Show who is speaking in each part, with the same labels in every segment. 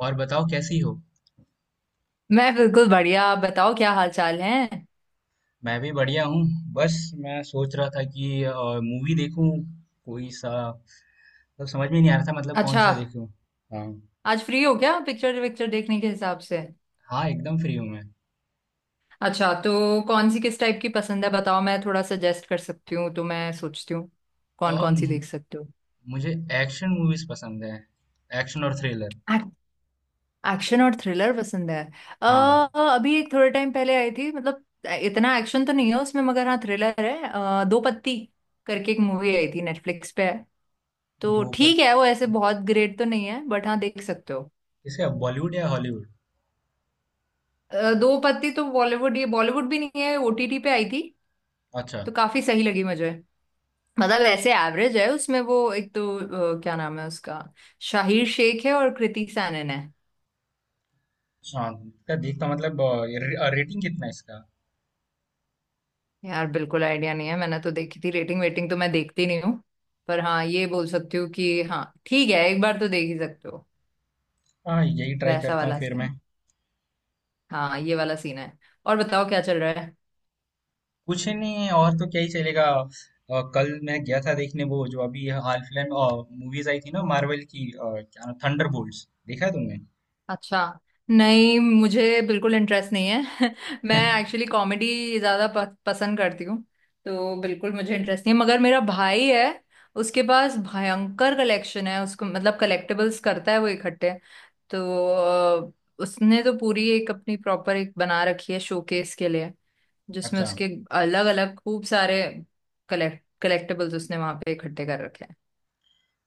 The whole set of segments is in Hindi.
Speaker 1: और बताओ कैसी हो?
Speaker 2: मैं बिल्कुल बढ़िया। आप बताओ क्या हाल चाल है।
Speaker 1: मैं भी बढ़िया हूँ। बस मैं सोच रहा था कि मूवी देखूँ कोई सा मतलब समझ में नहीं आ रहा था मतलब कौन
Speaker 2: अच्छा,
Speaker 1: सा देखूँ। हाँ,
Speaker 2: आज फ्री हो क्या पिक्चर विक्चर देखने के हिसाब से।
Speaker 1: हाँ एकदम फ्री हूँ मैं।
Speaker 2: अच्छा, तो कौन सी किस टाइप की पसंद है बताओ, मैं थोड़ा सजेस्ट कर सकती हूँ, तो मैं सोचती हूँ कौन
Speaker 1: और
Speaker 2: कौन सी देख
Speaker 1: म-
Speaker 2: सकते हो।
Speaker 1: मुझे एक्शन मूवीज पसंद है। एक्शन और थ्रिलर।
Speaker 2: एक्शन और थ्रिलर पसंद है। अ,
Speaker 1: हाँ,
Speaker 2: अभी एक थोड़े टाइम पहले आई थी, मतलब इतना एक्शन तो नहीं है उसमें मगर हाँ थ्रिलर है। दो पत्ती करके एक मूवी आई थी, नेटफ्लिक्स पे है। तो
Speaker 1: दो पर
Speaker 2: ठीक है, वो ऐसे बहुत ग्रेट तो नहीं है बट हाँ देख सकते हो।
Speaker 1: किसका, बॉलीवुड या हॉलीवुड?
Speaker 2: दो पत्ती तो बॉलीवुड, ये बॉलीवुड भी नहीं है, ओटीटी पे आई थी।
Speaker 1: अच्छा,
Speaker 2: तो काफी सही लगी मुझे। मतलब ऐसे एवरेज है, उसमें वो एक तो क्या नाम है उसका, शाहिर शेख है और कृति सैनन है।
Speaker 1: हाँ इसका देखता मतलब रेटिंग कितना है इसका?
Speaker 2: यार बिल्कुल आइडिया नहीं है, मैंने तो देखी थी, रेटिंग वेटिंग तो मैं देखती नहीं हूँ। पर हाँ, ये बोल सकती हूँ कि हाँ ठीक है एक बार तो देख ही सकते हो।
Speaker 1: हाँ, यही ट्राई
Speaker 2: वैसा
Speaker 1: करता हूँ
Speaker 2: वाला
Speaker 1: फिर मैं।
Speaker 2: सीन, हाँ ये वाला सीन है। और बताओ क्या चल रहा है।
Speaker 1: कुछ नहीं, और तो क्या ही चलेगा। कल मैं गया था देखने, वो जो अभी हाल फिलहाल में मूवीज आई थी ना मार्वल की, क्या नाम, थंडरबोल्ट्स, देखा है तुमने?
Speaker 2: अच्छा। नहीं, मुझे बिल्कुल इंटरेस्ट नहीं है। मैं एक्चुअली कॉमेडी ज्यादा पसंद करती हूँ। तो बिल्कुल मुझे इंटरेस्ट नहीं है, मगर मेरा भाई है। उसके पास भयंकर कलेक्शन है, उसको मतलब कलेक्टिबल्स करता है वो इकट्ठे। तो अ, उसने तो पूरी एक अपनी प्रॉपर एक बना रखी है शोकेस के लिए, जिसमें
Speaker 1: अच्छा,
Speaker 2: उसके अलग अलग खूब सारे कलेक्टिबल्स उसने वहां पे इकट्ठे कर रखे हैं।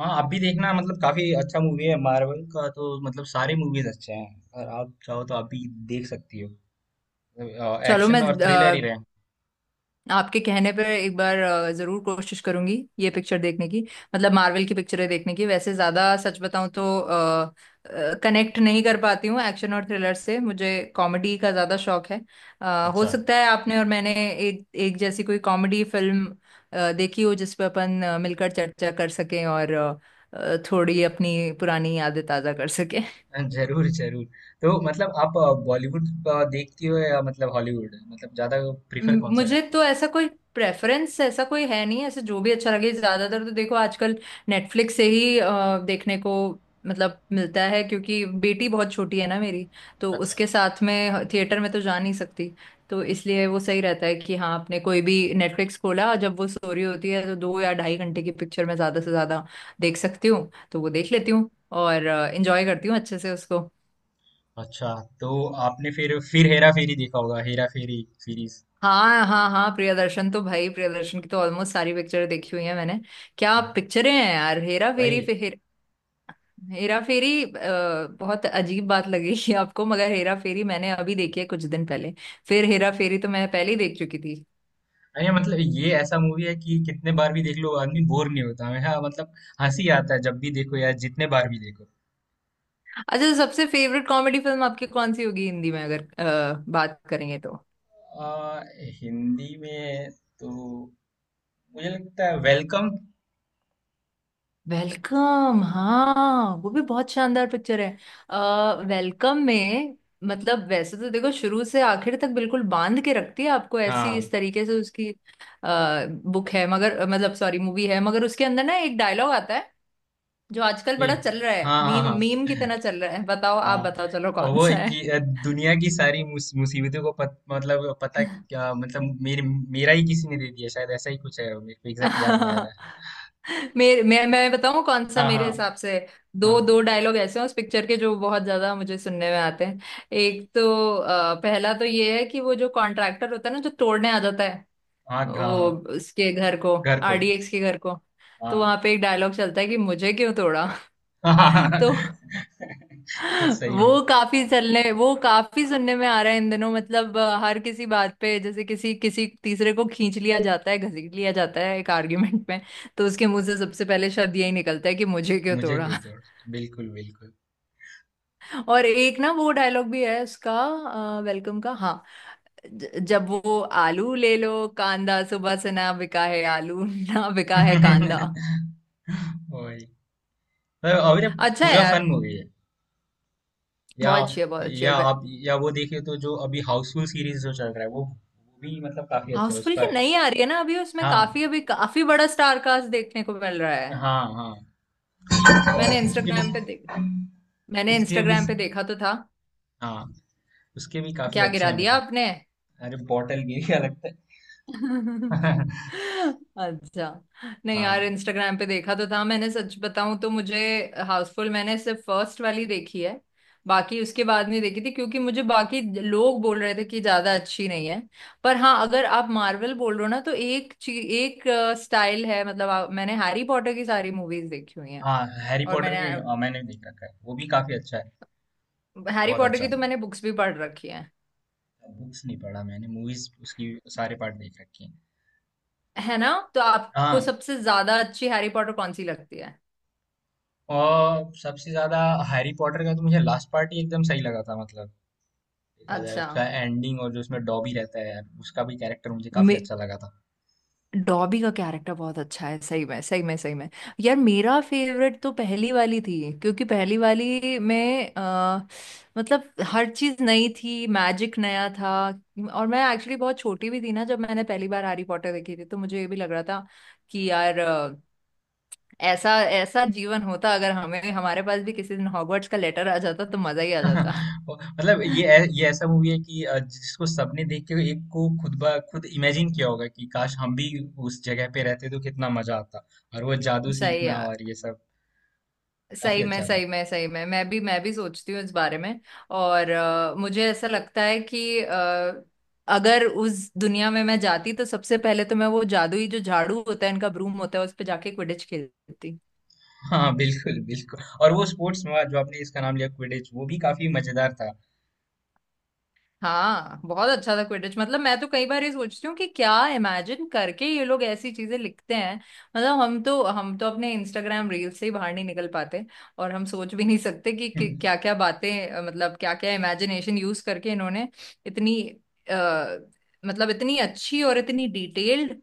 Speaker 1: हाँ आप भी देखना, मतलब काफी अच्छा मूवी है मार्वल का। तो मतलब सारे मूवीज अच्छे हैं और आप चाहो तो आप भी देख सकती हो।
Speaker 2: चलो
Speaker 1: एक्शन
Speaker 2: मैं
Speaker 1: और थ्रिलर ही रहे।
Speaker 2: आपके कहने पर एक बार जरूर कोशिश करूंगी ये पिक्चर देखने की, मतलब मार्वल की पिक्चरें देखने की। वैसे ज्यादा सच बताऊं तो कनेक्ट नहीं कर पाती हूँ एक्शन और थ्रिलर से, मुझे कॉमेडी का ज्यादा शौक है। हो
Speaker 1: अच्छा।
Speaker 2: सकता है आपने और मैंने एक एक जैसी कोई कॉमेडी फिल्म देखी हो जिस पर अपन मिलकर चर्चा कर सकें, और थोड़ी अपनी पुरानी यादें ताजा कर सकें।
Speaker 1: जरूर जरूर। तो मतलब आप बॉलीवुड देखती हो या मतलब हॉलीवुड, मतलब ज्यादा प्रीफर कौन सा
Speaker 2: मुझे
Speaker 1: करती
Speaker 2: तो
Speaker 1: हो?
Speaker 2: ऐसा कोई प्रेफरेंस ऐसा कोई है नहीं, ऐसे जो भी अच्छा लगे। ज्यादातर तो देखो आजकल नेटफ्लिक्स से ही देखने को मतलब मिलता है, क्योंकि बेटी बहुत छोटी है ना मेरी, तो
Speaker 1: अच्छा।
Speaker 2: उसके साथ में थिएटर में तो जा नहीं सकती। तो इसलिए वो सही रहता है कि हाँ, आपने कोई भी नेटफ्लिक्स खोला जब वो सो रही होती है, तो दो या ढाई घंटे की पिक्चर मैं ज्यादा से ज्यादा देख सकती हूँ तो वो देख लेती हूँ, और इंजॉय करती हूँ अच्छे से उसको।
Speaker 1: अच्छा, तो आपने फिर हेरा फेरी देखा होगा, हेरा फेरी सीरीज।
Speaker 2: हाँ हाँ हाँ, प्रियदर्शन तो भाई, प्रियदर्शन की तो ऑलमोस्ट सारी पिक्चर देखी हुई है मैंने। क्या पिक्चरें हैं यार, हेरा फेरी,
Speaker 1: भाई,
Speaker 2: फिर हेरा फेरी। बहुत अजीब बात लगेगी आपको, मगर हेरा फेरी मैंने अभी देखी है कुछ दिन पहले, फिर हेरा फेरी तो मैं पहले ही देख चुकी थी।
Speaker 1: अरे मतलब ये ऐसा मूवी है कि कितने बार भी देख लो आदमी बोर नहीं होता है। हाँ मतलब हंसी आता है जब भी देखो या जितने बार भी देखो।
Speaker 2: अच्छा, सबसे फेवरेट कॉमेडी फिल्म आपकी कौन सी होगी हिंदी में अगर बात करेंगे तो।
Speaker 1: आ, हिंदी में तो मुझे लगता है वेलकम।
Speaker 2: वेलकम, हाँ वो भी बहुत शानदार पिक्चर है। अ, वेलकम में मतलब वैसे तो देखो शुरू से आखिर तक बिल्कुल बांध के रखती है आपको, ऐसी
Speaker 1: हाँ,
Speaker 2: इस तरीके से उसकी बुक है, मगर मतलब सॉरी मूवी है, मगर उसके अंदर ना एक डायलॉग आता है जो आजकल
Speaker 1: ये।
Speaker 2: बड़ा चल रहा है,
Speaker 1: हाँ हाँ
Speaker 2: मीम
Speaker 1: हाँ।
Speaker 2: मीम की तरह चल रहा है। बताओ, आप
Speaker 1: हाँ,
Speaker 2: बताओ चलो
Speaker 1: और
Speaker 2: कौन
Speaker 1: वो
Speaker 2: सा
Speaker 1: कि दुनिया की सारी मुसीबतों को मतलब पता,
Speaker 2: है।
Speaker 1: क्या मतलब मेरे, मेरा ही किसी ने दे दिया शायद, ऐसा ही कुछ है। मेरे को एग्जैक्ट याद नहीं आ रहा है।
Speaker 2: मेरे मैं बताऊं कौन सा
Speaker 1: हाँ
Speaker 2: मेरे
Speaker 1: हाँ
Speaker 2: हिसाब से। दो
Speaker 1: हाँ।
Speaker 2: दो डायलॉग ऐसे हैं उस पिक्चर के जो बहुत ज्यादा मुझे सुनने में आते हैं। एक तो पहला तो ये है कि वो जो कॉन्ट्रैक्टर होता है ना जो तोड़ने आ जाता है,
Speaker 1: हाँ हाँ
Speaker 2: वो
Speaker 1: हाँ,
Speaker 2: उसके घर को,
Speaker 1: घर को।
Speaker 2: आरडीएक्स के घर को, तो
Speaker 1: हाँ।
Speaker 2: वहां पे एक डायलॉग चलता है कि मुझे क्यों तोड़ा। तो
Speaker 1: वो सही में।
Speaker 2: वो काफी चलने वो काफी सुनने में आ रहा है इन दिनों। मतलब हर किसी बात पे जैसे किसी किसी तीसरे को खींच लिया जाता है, घसीट लिया जाता है एक आर्ग्यूमेंट में, तो उसके मुंह से सबसे पहले शब्द यही निकलता है कि मुझे क्यों
Speaker 1: मुझे
Speaker 2: तोड़ा।
Speaker 1: क्यों छोड़। बिल्कुल बिल्कुल।
Speaker 2: और एक ना वो डायलॉग भी है उसका, वेलकम का, हाँ, जब वो आलू ले लो कांदा, सुबह से ना बिका है आलू ना बिका है कांदा।
Speaker 1: वही। तो अभी ये
Speaker 2: अच्छा है
Speaker 1: पूरा
Speaker 2: यार,
Speaker 1: फन मूवी है। या
Speaker 2: बहुत अच्छी है बहुत अच्छी है।
Speaker 1: या आप या वो देखे तो जो अभी हाउसफुल सीरीज जो चल रहा है, वो भी मतलब काफी अच्छा है,
Speaker 2: हाउसफुल
Speaker 1: उसका
Speaker 2: की
Speaker 1: है।
Speaker 2: नई आ रही है ना अभी, उसमें
Speaker 1: हाँ।
Speaker 2: काफी अभी काफी बड़ा स्टार कास्ट देखने को मिल रहा है।
Speaker 1: हाँ हाँ। और
Speaker 2: मैंने
Speaker 1: उसके भी,
Speaker 2: इंस्टाग्राम पे देख मैंने
Speaker 1: उसके भी,
Speaker 2: इंस्टाग्राम पे देखा तो था।
Speaker 1: हाँ उसके भी काफी
Speaker 2: क्या
Speaker 1: अच्छे
Speaker 2: गिरा
Speaker 1: हैं
Speaker 2: दिया
Speaker 1: मतलब।
Speaker 2: आपने।
Speaker 1: अरे, बॉटल गिर गया लगता है।
Speaker 2: अच्छा, नहीं यार
Speaker 1: हाँ।
Speaker 2: इंस्टाग्राम पे देखा तो था मैंने, सच बताऊं तो मुझे हाउसफुल मैंने सिर्फ फर्स्ट वाली देखी है, बाकी उसके बाद नहीं देखी थी क्योंकि मुझे बाकी लोग बोल रहे थे कि ज्यादा अच्छी नहीं है। पर हाँ, अगर आप मार्वल बोल रहे हो ना, तो एक स्टाइल है। मतलब मैंने हैरी पॉटर की सारी मूवीज देखी हुई हैं,
Speaker 1: हाँ, हैरी
Speaker 2: और
Speaker 1: पॉटर
Speaker 2: मैंने
Speaker 1: भी मैंने देख रखा है, वो भी काफी अच्छा है।
Speaker 2: हैरी
Speaker 1: बहुत
Speaker 2: पॉटर की
Speaker 1: अच्छा।
Speaker 2: तो मैंने बुक्स भी पढ़ रखी
Speaker 1: बुक्स नहीं पढ़ा मैंने, मूवीज उसकी सारे पार्ट देख रखे हैं।
Speaker 2: है ना। तो आपको
Speaker 1: हाँ,
Speaker 2: सबसे ज्यादा अच्छी हैरी पॉटर कौन सी लगती है।
Speaker 1: और सबसे ज्यादा हैरी पॉटर का तो मुझे लास्ट पार्ट ही एकदम सही लगा था। मतलब देखा जाए
Speaker 2: अच्छा,
Speaker 1: उसका एंडिंग, और जो उसमें डॉबी रहता है यार, उसका भी कैरेक्टर मुझे काफी
Speaker 2: मे
Speaker 1: अच्छा लगा था।
Speaker 2: डॉबी का कैरेक्टर बहुत अच्छा है, सही में सही में सही में। यार मेरा फेवरेट तो पहली वाली थी, क्योंकि पहली वाली में मतलब हर चीज नई थी, मैजिक नया था। और मैं एक्चुअली बहुत छोटी भी थी ना जब मैंने पहली बार हैरी पॉटर देखी थी, तो मुझे ये भी लग रहा था कि यार ऐसा ऐसा जीवन होता, अगर हमें हमारे पास भी किसी दिन हॉगवर्ट्स का लेटर आ जाता तो मजा ही आ जाता।
Speaker 1: मतलब ये ये ऐसा मूवी है कि जिसको सबने देख के एक को खुद ब खुद इमेजिन किया होगा कि काश हम भी उस जगह पे रहते तो कितना मजा आता, और वो जादू
Speaker 2: सही है,
Speaker 1: सीखना और ये सब। काफी
Speaker 2: सही में
Speaker 1: अच्छा था।
Speaker 2: सही में सही में, मैं भी सोचती हूँ इस बारे में। और मुझे ऐसा लगता है कि अगर उस दुनिया में मैं जाती तो सबसे पहले तो मैं वो जादुई जो झाड़ू होता है इनका, ब्रूम होता है, उस पे जाके क्विडिच खेलती।
Speaker 1: हाँ बिल्कुल बिल्कुल, और वो स्पोर्ट्स में जो आपने इसका नाम लिया क्विडिच, वो भी काफी मजेदार था।
Speaker 2: हाँ बहुत अच्छा था क्विडिच, मतलब मैं तो कई बार ये सोचती हूँ कि क्या इमेजिन करके ये लोग ऐसी चीजें लिखते हैं। मतलब हम तो अपने इंस्टाग्राम रील से ही बाहर नहीं निकल पाते, और हम सोच भी नहीं सकते कि क्या क्या बातें मतलब क्या क्या इमेजिनेशन यूज करके इन्होंने इतनी आ, मतलब इतनी अच्छी और इतनी डिटेल्ड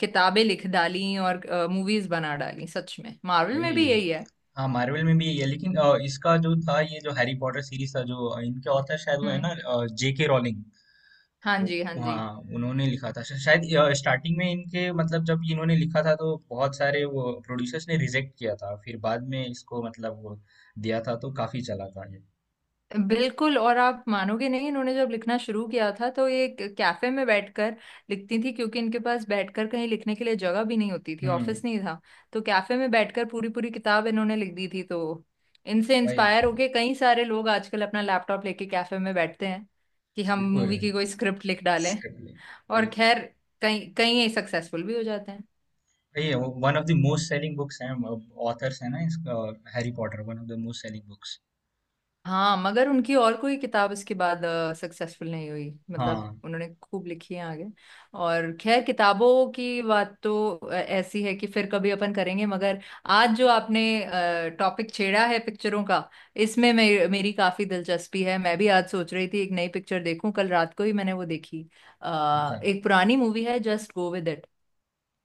Speaker 2: किताबें लिख डाली और मूवीज बना डाली। सच में मार्वल में
Speaker 1: वही।
Speaker 2: भी यही है।
Speaker 1: हाँ, मार्वल में भी यही है, लेकिन इसका जो था, ये जो हैरी पॉटर सीरीज था, जो इनके ऑथर शायद वो है
Speaker 2: हम्म।
Speaker 1: ना, जेके रॉलिंग।
Speaker 2: हाँ
Speaker 1: वो-,
Speaker 2: जी हाँ जी।
Speaker 1: हाँ उन्होंने लिखा था शायद स्टार्टिंग में इनके, मतलब जब इन्होंने लिखा था तो बहुत सारे वो प्रोड्यूसर्स ने रिजेक्ट किया था, फिर बाद में इसको मतलब वो दिया था, तो काफी चला था ये।
Speaker 2: बिल्कुल, और आप मानोगे नहीं, इन्होंने जब लिखना शुरू किया था तो ये एक कैफे में बैठकर लिखती थी, क्योंकि इनके पास बैठकर कहीं लिखने के लिए जगह भी नहीं होती थी,
Speaker 1: हम्म।
Speaker 2: ऑफिस नहीं था। तो कैफे में बैठकर पूरी पूरी किताब इन्होंने लिख दी थी। तो इनसे
Speaker 1: वही।
Speaker 2: इंस्पायर होके कई सारे लोग आजकल अपना लैपटॉप लेके कैफे में बैठते हैं कि हम
Speaker 1: बिल्कुल।
Speaker 2: मूवी की कोई स्क्रिप्ट लिख डालें,
Speaker 1: स्क्रिप्ट।
Speaker 2: और
Speaker 1: वही।
Speaker 2: खैर कई कई सक्सेसफुल भी हो जाते हैं।
Speaker 1: ये one of the most selling books हैं, ऑथर्स है ना इसका, Harry Potter one of the most selling books.
Speaker 2: हाँ, मगर उनकी और कोई किताब इसके बाद सक्सेसफुल नहीं हुई, मतलब
Speaker 1: हाँ।
Speaker 2: उन्होंने खूब लिखी है आगे। और खैर, किताबों की बात तो ऐसी है कि फिर कभी अपन करेंगे, मगर आज जो आपने टॉपिक छेड़ा है पिक्चरों का, इसमें मेरी काफी दिलचस्पी है। मैं भी आज सोच रही थी एक नई पिक्चर देखूं, कल रात को ही मैंने वो देखी।
Speaker 1: अच्छा,
Speaker 2: एक पुरानी मूवी है जस्ट गो विद इट।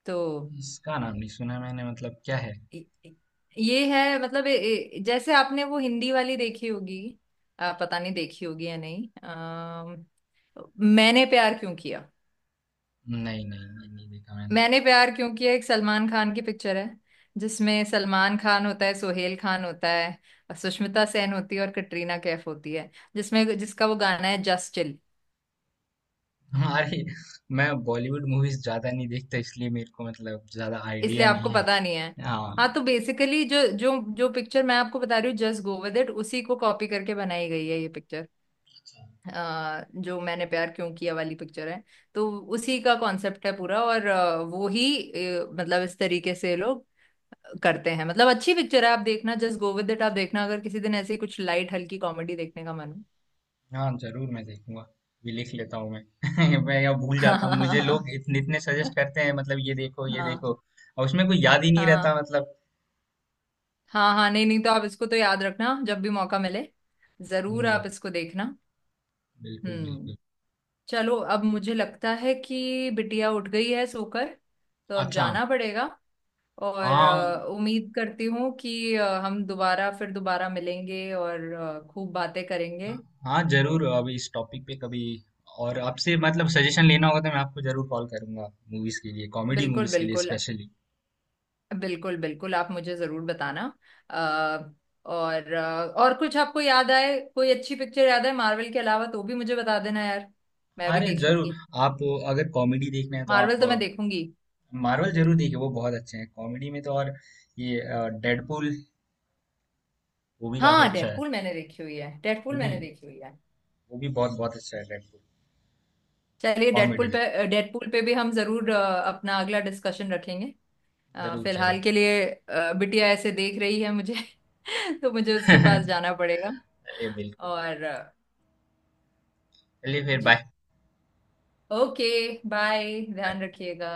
Speaker 2: तो
Speaker 1: इसका नाम नहीं सुना मैंने, मतलब क्या है?
Speaker 2: ये ये है मतलब जैसे आपने वो हिंदी वाली देखी होगी, पता नहीं देखी होगी या नहीं। मैंने प्यार क्यों किया।
Speaker 1: नहीं नहीं नहीं, नहीं देखा मैंने।
Speaker 2: मैंने प्यार क्यों किया एक सलमान खान की पिक्चर है, जिसमें सलमान खान होता है, सोहेल खान होता है, और सुष्मिता सेन होती है और कटरीना कैफ होती है, जिसमें जिसका वो गाना है जस्ट चिल।
Speaker 1: हमारे, मैं बॉलीवुड मूवीज ज्यादा नहीं देखता, इसलिए मेरे को मतलब ज्यादा
Speaker 2: इसलिए
Speaker 1: आइडिया नहीं
Speaker 2: आपको
Speaker 1: है।
Speaker 2: पता नहीं है।
Speaker 1: हाँ।
Speaker 2: हाँ, तो बेसिकली जो जो जो पिक्चर मैं आपको बता रही हूँ जस्ट गो विद इट, उसी को कॉपी करके बनाई गई है ये पिक्चर। जो मैंने प्यार क्यों किया वाली पिक्चर है, तो उसी का कॉन्सेप्ट है पूरा, और वो ही मतलब इस तरीके से लोग करते हैं। मतलब अच्छी पिक्चर है, आप देखना जस्ट गो विद इट, आप देखना अगर किसी दिन ऐसी कुछ लाइट हल्की कॉमेडी देखने का मन हो।
Speaker 1: हाँ जरूर, मैं देखूंगा, भी लिख लेता हूँ मैं। मैं यहाँ भूल जाता हूँ, मुझे
Speaker 2: हाँ।
Speaker 1: लोग इतने इतने सजेस्ट करते हैं मतलब ये देखो ये
Speaker 2: हाँ
Speaker 1: देखो, और उसमें कोई याद ही नहीं रहता
Speaker 2: हाँ।
Speaker 1: मतलब।
Speaker 2: हाँ नहीं नहीं, तो आप इसको तो याद रखना, जब भी मौका मिले जरूर
Speaker 1: हम्म।
Speaker 2: आप इसको देखना।
Speaker 1: बिल्कुल
Speaker 2: हम्म।
Speaker 1: बिल्कुल।
Speaker 2: चलो अब मुझे लगता है कि बिटिया उठ गई है सोकर, तो अब
Speaker 1: अच्छा।
Speaker 2: जाना पड़ेगा। और
Speaker 1: हाँ
Speaker 2: उम्मीद करती हूँ कि हम दोबारा फिर दोबारा मिलेंगे और खूब बातें करेंगे।
Speaker 1: हाँ जरूर, अब इस टॉपिक पे कभी और आपसे मतलब सजेशन लेना होगा तो मैं आपको जरूर कॉल करूंगा, मूवीज के लिए, कॉमेडी
Speaker 2: बिल्कुल
Speaker 1: मूवीज के लिए
Speaker 2: बिल्कुल।
Speaker 1: स्पेशली।
Speaker 2: बिल्कुल बिल्कुल, आप मुझे जरूर बताना। अ, और और कुछ आपको याद आए, कोई अच्छी पिक्चर याद आए मार्वल के अलावा, तो भी मुझे बता देना यार, मैं भी
Speaker 1: अरे
Speaker 2: देख
Speaker 1: जरूर,
Speaker 2: लूंगी।
Speaker 1: आप अगर कॉमेडी देखना है तो
Speaker 2: मार्वल
Speaker 1: आप
Speaker 2: तो मैं देखूंगी।
Speaker 1: मार्वल जरूर देखिए, वो बहुत अच्छे हैं कॉमेडी में तो, और ये डेडपूल, वो भी काफी
Speaker 2: हाँ
Speaker 1: अच्छा है।
Speaker 2: डेडपूल मैंने देखी हुई है,
Speaker 1: वो
Speaker 2: डेडपूल
Speaker 1: भी,
Speaker 2: मैंने देखी हुई है।
Speaker 1: वो भी बहुत बहुत अच्छा है डेडपूल,
Speaker 2: चलिए
Speaker 1: कॉमेडी
Speaker 2: डेडपूल
Speaker 1: में।
Speaker 2: पे, डेडपूल पे भी हम जरूर अपना अगला डिस्कशन रखेंगे।
Speaker 1: जरूर जरूर।
Speaker 2: फिलहाल के लिए बिटिया ऐसे देख रही है मुझे। तो मुझे उसके पास जाना
Speaker 1: चलिए,
Speaker 2: पड़ेगा।
Speaker 1: बिल्कुल बिल्कुल।
Speaker 2: और
Speaker 1: चलिए फिर,
Speaker 2: जी,
Speaker 1: बाय।
Speaker 2: Okay, bye,
Speaker 1: bye.
Speaker 2: ध्यान रखिएगा।